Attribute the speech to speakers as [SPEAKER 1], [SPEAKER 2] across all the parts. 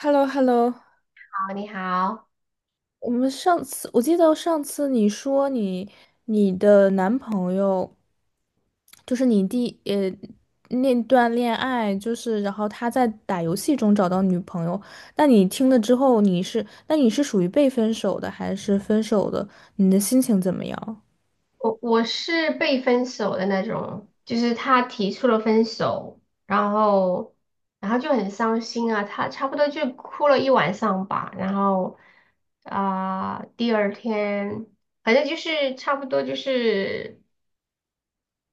[SPEAKER 1] h e l l o h e l l o
[SPEAKER 2] 好，你好，
[SPEAKER 1] 我记得上次你说你的男朋友就是那段恋爱，就是然后他在打游戏中找到女朋友，那你听了之后你是属于被分手的还是分手的？你的心情怎么样？
[SPEAKER 2] 我是被分手的那种，就是他提出了分手，然后就很伤心啊，他差不多就哭了一晚上吧，然后第二天反正就是差不多就是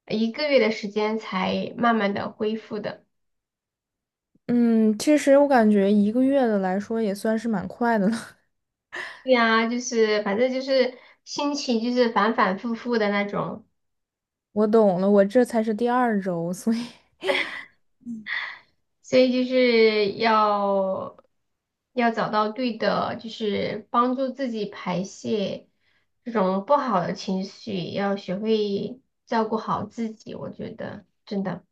[SPEAKER 2] 一个月的时间才慢慢的恢复的，
[SPEAKER 1] 嗯，其实我感觉1个月的来说也算是蛮快的了。
[SPEAKER 2] 对呀、就是反正就是心情就是反反复复的那种。
[SPEAKER 1] 我懂了，我这才是第二周，所以，
[SPEAKER 2] 所以就是要找到对的，就是帮助自己排泄这种不好的情绪，要学会照顾好自己，我觉得真的。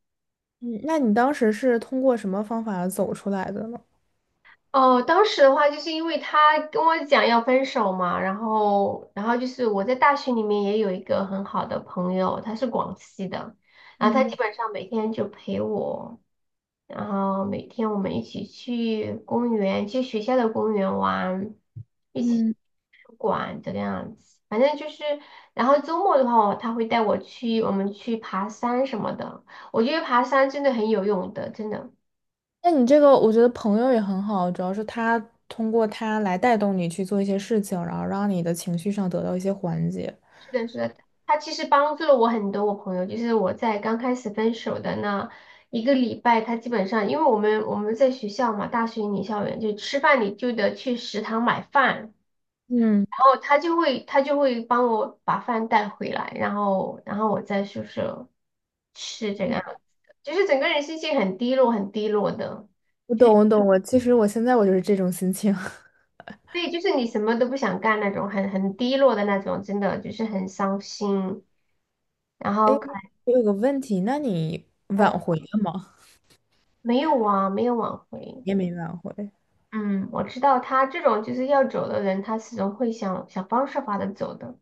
[SPEAKER 1] 嗯，那你当时是通过什么方法走出来的呢？
[SPEAKER 2] 哦，当时的话，就是因为他跟我讲要分手嘛，然后就是我在大学里面也有一个很好的朋友，他是广西的，然后他基
[SPEAKER 1] 嗯
[SPEAKER 2] 本上每天就陪我，然后每天我们一起去公园，去学校的公园玩，一起去
[SPEAKER 1] 嗯，
[SPEAKER 2] 图书馆这个样子，反正就是，然后周末的话，他会带我去，我们去爬山什么的，我觉得爬山真的很有用的，真的。
[SPEAKER 1] 那你这个我觉得朋友也很好，主要是他通过他来带动你去做一些事情，然后让你的情绪上得到一些缓解。
[SPEAKER 2] 是的，是的，他其实帮助了我很多。我朋友就是我在刚开始分手的那一个礼拜，他基本上因为我们在学校嘛，大学女校园就吃饭，你就得去食堂买饭，然
[SPEAKER 1] 嗯，
[SPEAKER 2] 后他就会帮我把饭带回来，然后我在宿舍吃这个样子，就是整个人心情很低落，很低落的。
[SPEAKER 1] 我懂，我懂，我其实我现在我就是这种心情。
[SPEAKER 2] 对，就是你什么都不想干那种，很低落的那种，真的就是很伤心，然后
[SPEAKER 1] 哎，
[SPEAKER 2] 可
[SPEAKER 1] 我有个问题，那你挽
[SPEAKER 2] 能
[SPEAKER 1] 回了吗？
[SPEAKER 2] 没有啊，没有挽回。
[SPEAKER 1] 也没挽回。
[SPEAKER 2] 嗯，我知道他这种就是要走的人，他始终会想想方设法的走的，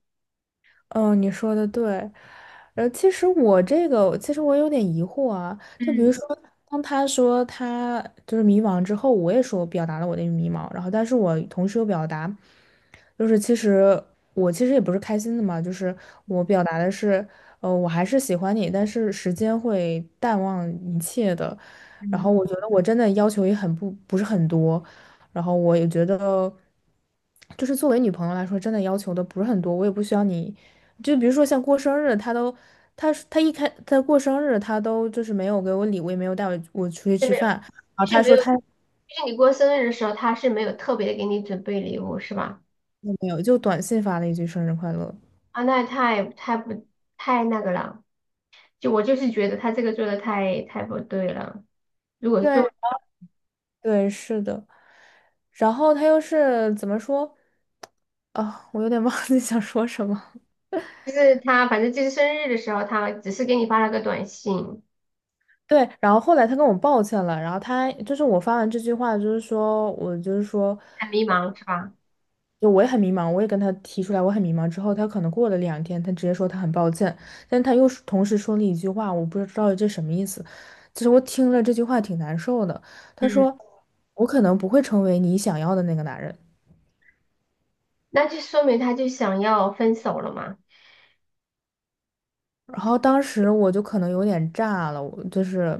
[SPEAKER 1] 嗯，你说的对。其实我有点疑惑啊。就比
[SPEAKER 2] 嗯
[SPEAKER 1] 如说，当他说他就是迷茫之后，我也说我表达了我的迷茫，然后但是我同时又表达，就是其实我其实也不是开心的嘛，就是我表达的是，我还是喜欢你，但是时间会淡忘一切的。然后
[SPEAKER 2] 嗯，
[SPEAKER 1] 我觉得我真的要求也很不是很多，然后我也觉得，就是作为女朋友来说，真的要求的不是很多，我也不需要你，就比如说像过生日，他都，他他一开他过生日，他都就是没有给我礼物，也没有带我出去吃饭，然后
[SPEAKER 2] 就是
[SPEAKER 1] 他
[SPEAKER 2] 没
[SPEAKER 1] 说
[SPEAKER 2] 有，就
[SPEAKER 1] 他
[SPEAKER 2] 是你过生日的时候，他是没有特别的给你准备礼物，是吧？
[SPEAKER 1] 也没有，就短信发了一句生日快乐。
[SPEAKER 2] 啊，那太太不太那个了，就我就是觉得他这个做的太不对了。如果
[SPEAKER 1] 对
[SPEAKER 2] 就
[SPEAKER 1] 对，是的。然后他又是怎么说？啊，我有点忘记想说什么。
[SPEAKER 2] 就是他，反正就是生日的时候，他只是给你发了个短信，
[SPEAKER 1] 对，然后后来他跟我抱歉了，然后他就是我发完这句话，就是说我就是说。
[SPEAKER 2] 很迷茫，是吧？
[SPEAKER 1] 就我也很迷茫，我也跟他提出来，我很迷茫。之后他可能过了2天，他直接说他很抱歉，但他又是同时说了一句话，我不知道这什么意思。就是我听了这句话挺难受的。他
[SPEAKER 2] 嗯，
[SPEAKER 1] 说：“我可能不会成为你想要的那个男人。”
[SPEAKER 2] 那就说明他就想要分手了嘛？
[SPEAKER 1] 然后当时我就可能有点炸了，我就是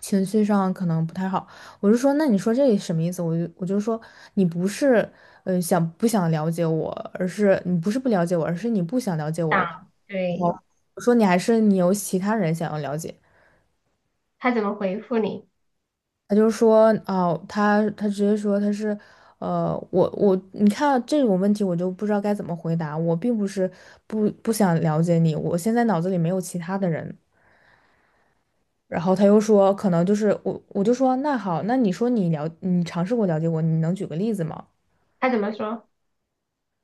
[SPEAKER 1] 情绪上可能不太好。我就说，那你说这什么意思？我就说，你不是想不想了解我，而是你不是不了解我，而是你不想了解我。
[SPEAKER 2] 想，对，
[SPEAKER 1] 我我我说你还是你有其他人想要了解。
[SPEAKER 2] 他怎么回复你？
[SPEAKER 1] 他就说哦，他直接说他是，呃，我我你看啊这种问题我就不知道该怎么回答。我并不是不想了解你，我现在脑子里没有其他的人。然后他又说，可能就是我，我就说那好，那你说你了，你尝试过了解我，你能举个例子吗？
[SPEAKER 2] 他怎么说？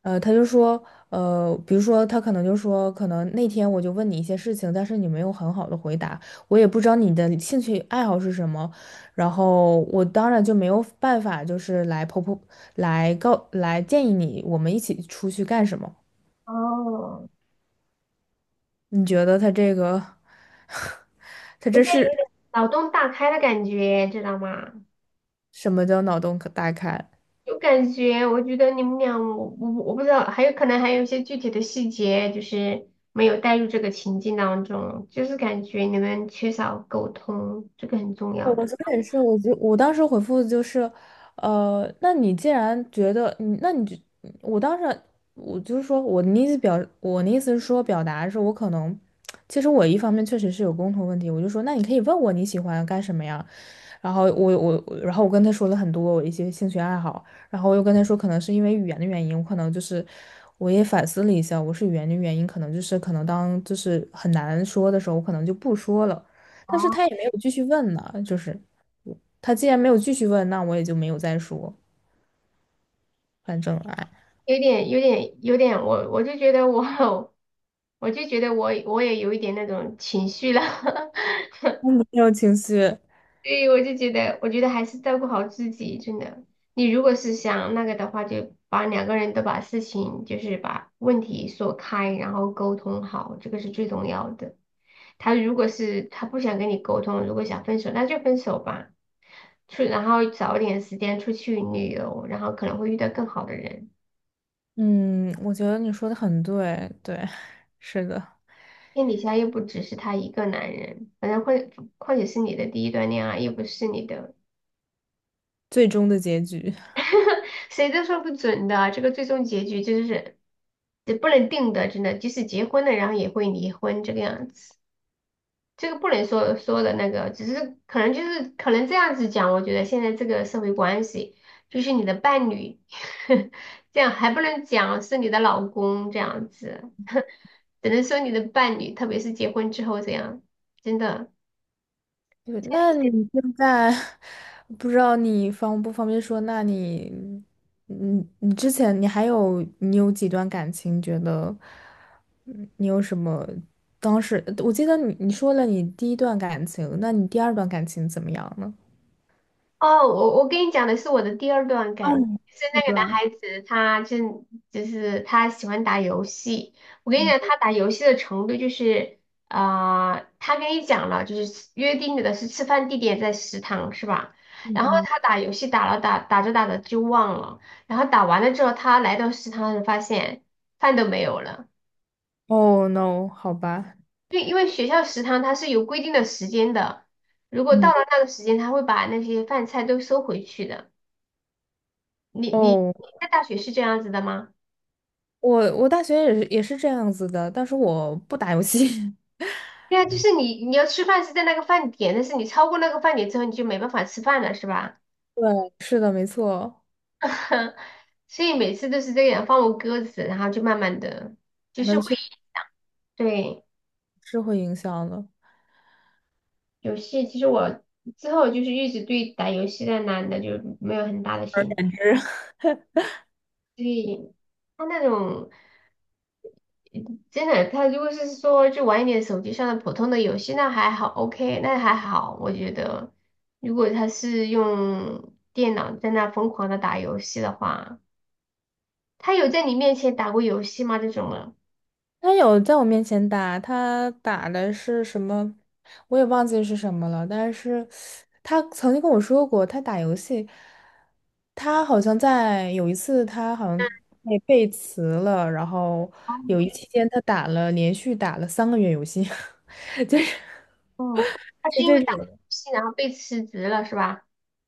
[SPEAKER 1] 他就说，比如说他可能就说，可能那天我就问你一些事情，但是你没有很好的回答，我也不知道你的兴趣爱好是什么，然后我当然就没有办法，就是来婆婆来告来建议你，我们一起出去干什么？
[SPEAKER 2] 哦，
[SPEAKER 1] 你觉得他这个，他
[SPEAKER 2] 有
[SPEAKER 1] 这
[SPEAKER 2] 点
[SPEAKER 1] 是
[SPEAKER 2] 脑洞大开的感觉，知道吗？
[SPEAKER 1] 什么叫脑洞可大开？
[SPEAKER 2] 有感觉，我觉得你们俩，我不知道，还有可能还有一些具体的细节，就是没有带入这个情境当中，就是感觉你们缺少沟通，这个很重
[SPEAKER 1] 对
[SPEAKER 2] 要
[SPEAKER 1] 我
[SPEAKER 2] 的。
[SPEAKER 1] 昨天也是，我当时回复就是，那你既然觉得你，那你就，我当时就是说我的意思是说表达是我可能，其实我一方面确实是有共同问题，我就说那你可以问我你喜欢干什么呀，然后我我我然后我跟他说了很多我一些兴趣爱好，然后我又跟他说可能是因为语言的原因，我可能就是我也反思了一下，我是语言的原因，可能就是可能当就是很难说的时候，我可能就不说了。但是他也没有继续问呢，就是他既然没有继续问，那我也就没有再说，反正哎，
[SPEAKER 2] 有点，有点，有点，我就觉得我，我就觉得我也有一点那种情绪了。
[SPEAKER 1] 我没有情绪。
[SPEAKER 2] 对，我就觉得，我觉得还是照顾好自己，真的。你如果是想那个的话，就把两个人都把事情，就是把问题说开，然后沟通好，这个是最重要的。他如果是他不想跟你沟通，如果想分手，那就分手吧。然后找点时间出去旅游，然后可能会遇到更好的人。
[SPEAKER 1] 嗯，我觉得你说的很对，对，是的，
[SPEAKER 2] 天底下又不只是他一个男人，反正会，况且是你的第一段恋爱，又不是你的。
[SPEAKER 1] 最终的结局。
[SPEAKER 2] 谁都说不准的，这个最终结局就是也不能定的，真的，即使结婚了，然后也会离婚这个样子，这个不能说说的那个，只是可能就是可能这样子讲，我觉得现在这个社会关系就是你的伴侣，这样还不能讲是你的老公这样子，只能说你的伴侣，特别是结婚之后这样，真的。
[SPEAKER 1] 对，那你现在 不知道你方不方便说？那你，你之前你有几段感情？觉得，嗯，你有什么？当时我记得你说了你第一段感情，那你第二段感情怎么样呢？
[SPEAKER 2] 哦，我跟你讲的是我的第二段感情，就是那个男孩子，他真就是他喜欢打游戏。我跟你讲，他打游戏的程度就是，啊，他跟你讲了，就是约定的是吃饭地点在食堂是吧？然后他打游戏打着打着就忘了，然后打完了之后，他来到食堂时发现饭都没有了，
[SPEAKER 1] 哦，no，好吧，
[SPEAKER 2] 因为学校食堂它是有规定的时间的，如果到
[SPEAKER 1] 嗯，
[SPEAKER 2] 了那个时间，他会把那些饭菜都收回去的。你
[SPEAKER 1] 哦，
[SPEAKER 2] 在大学是这样子的吗？
[SPEAKER 1] 我大学也是这样子的，但是我不打游戏。
[SPEAKER 2] 对啊，就是你要吃饭是在那个饭点，但是你超过那个饭点之后，你就没办法吃饭了，是吧？
[SPEAKER 1] 对，是的，没错，
[SPEAKER 2] 所以每次都是这样放我鸽子，然后就慢慢的，就是
[SPEAKER 1] 那
[SPEAKER 2] 会
[SPEAKER 1] 确实
[SPEAKER 2] 对
[SPEAKER 1] 是会影响的。
[SPEAKER 2] 游戏。其实我之后就是一直对打游戏的男的就没有很大的兴趣，
[SPEAKER 1] 简直，
[SPEAKER 2] 所以他那种。真的，他如果是说就玩一点手机上的普通的游戏，那还好，OK，那还好。我觉得，如果他是用电脑在那疯狂的打游戏的话，他有在你面前打过游戏吗？这种的？
[SPEAKER 1] 他有在我面前打，他打的是什么，我也忘记是什么了。但是他曾经跟我说过，他打游戏，他好像在有一次，他好像被背词了，然后有一 期间他打了连续打了三个月游戏，就是。
[SPEAKER 2] 哦，他是
[SPEAKER 1] 是
[SPEAKER 2] 因为
[SPEAKER 1] 这
[SPEAKER 2] 打游
[SPEAKER 1] 种
[SPEAKER 2] 戏然后被辞职了是吧？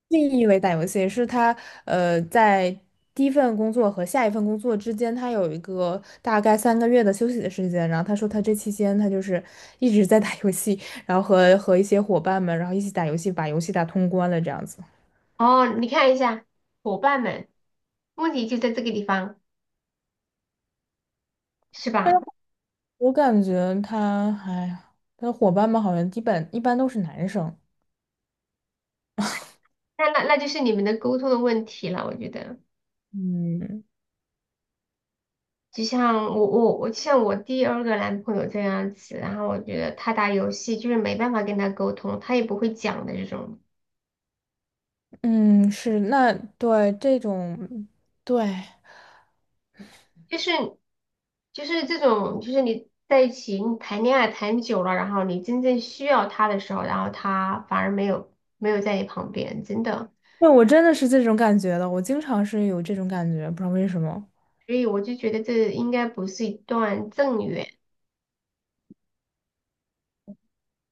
[SPEAKER 1] 定义为打游戏，是他在第一份工作和下一份工作之间，他有一个大概三个月的休息的时间。然后他说他这期间他就是一直在打游戏，然后和一些伙伴们，然后一起打游戏，把游戏打通关了这样子。
[SPEAKER 2] 哦，你看一下伙伴们，问题就在这个地方是吧？
[SPEAKER 1] 我感觉他，哎呀，他的伙伴们好像基本一般都是男生。
[SPEAKER 2] 那就是你们的沟通的问题了，我觉得。
[SPEAKER 1] 嗯
[SPEAKER 2] 就像我第二个男朋友这样子，然后我觉得他打游戏就是没办法跟他沟通，他也不会讲的这种，
[SPEAKER 1] 嗯，是那对这种对。
[SPEAKER 2] 就是就是这种，就是你在一起你谈恋爱谈久了，然后你真正需要他的时候，然后他反而没有在你旁边，真的，
[SPEAKER 1] 对，我真的是这种感觉的，我经常是有这种感觉，不知道为什么。
[SPEAKER 2] 所以我就觉得这应该不是一段正缘，应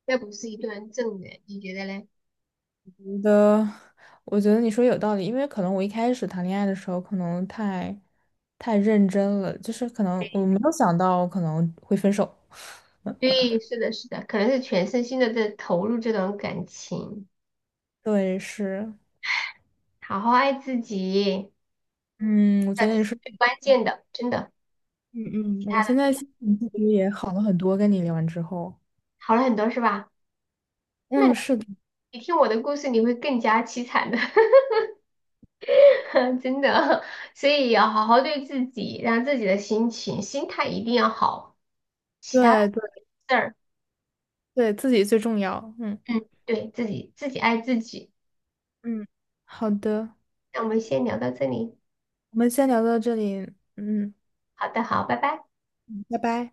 [SPEAKER 2] 该不是一段正缘，你觉得嘞？
[SPEAKER 1] 觉得，我觉得你说有道理，因为可能我一开始谈恋爱的时候，可能太认真了，就是可能我没有想到可能会分手。
[SPEAKER 2] 对，是的，是的，可能是全身心的在投入这段感情，
[SPEAKER 1] 对，是，
[SPEAKER 2] 好好爱自己。
[SPEAKER 1] 嗯，我
[SPEAKER 2] 的，
[SPEAKER 1] 觉
[SPEAKER 2] 这
[SPEAKER 1] 得你
[SPEAKER 2] 是
[SPEAKER 1] 是，
[SPEAKER 2] 最关键的，真的，
[SPEAKER 1] 嗯
[SPEAKER 2] 其
[SPEAKER 1] 嗯。我
[SPEAKER 2] 他的
[SPEAKER 1] 现在心情其实也好了很多，跟你聊完之后。
[SPEAKER 2] 好了很多是吧？那
[SPEAKER 1] 嗯，是的，
[SPEAKER 2] 你听我的故事，你会更加凄惨的，真的。所以要好好对自己，让自己的心情、心态一定要好，其他的
[SPEAKER 1] 对对
[SPEAKER 2] 事儿，
[SPEAKER 1] 对，自己最重要。嗯
[SPEAKER 2] 嗯，对，自己爱自己。
[SPEAKER 1] 嗯，好的，
[SPEAKER 2] 那我们先聊到这里，
[SPEAKER 1] 我们先聊到这里，嗯，
[SPEAKER 2] 好的，好，拜拜。
[SPEAKER 1] 拜拜。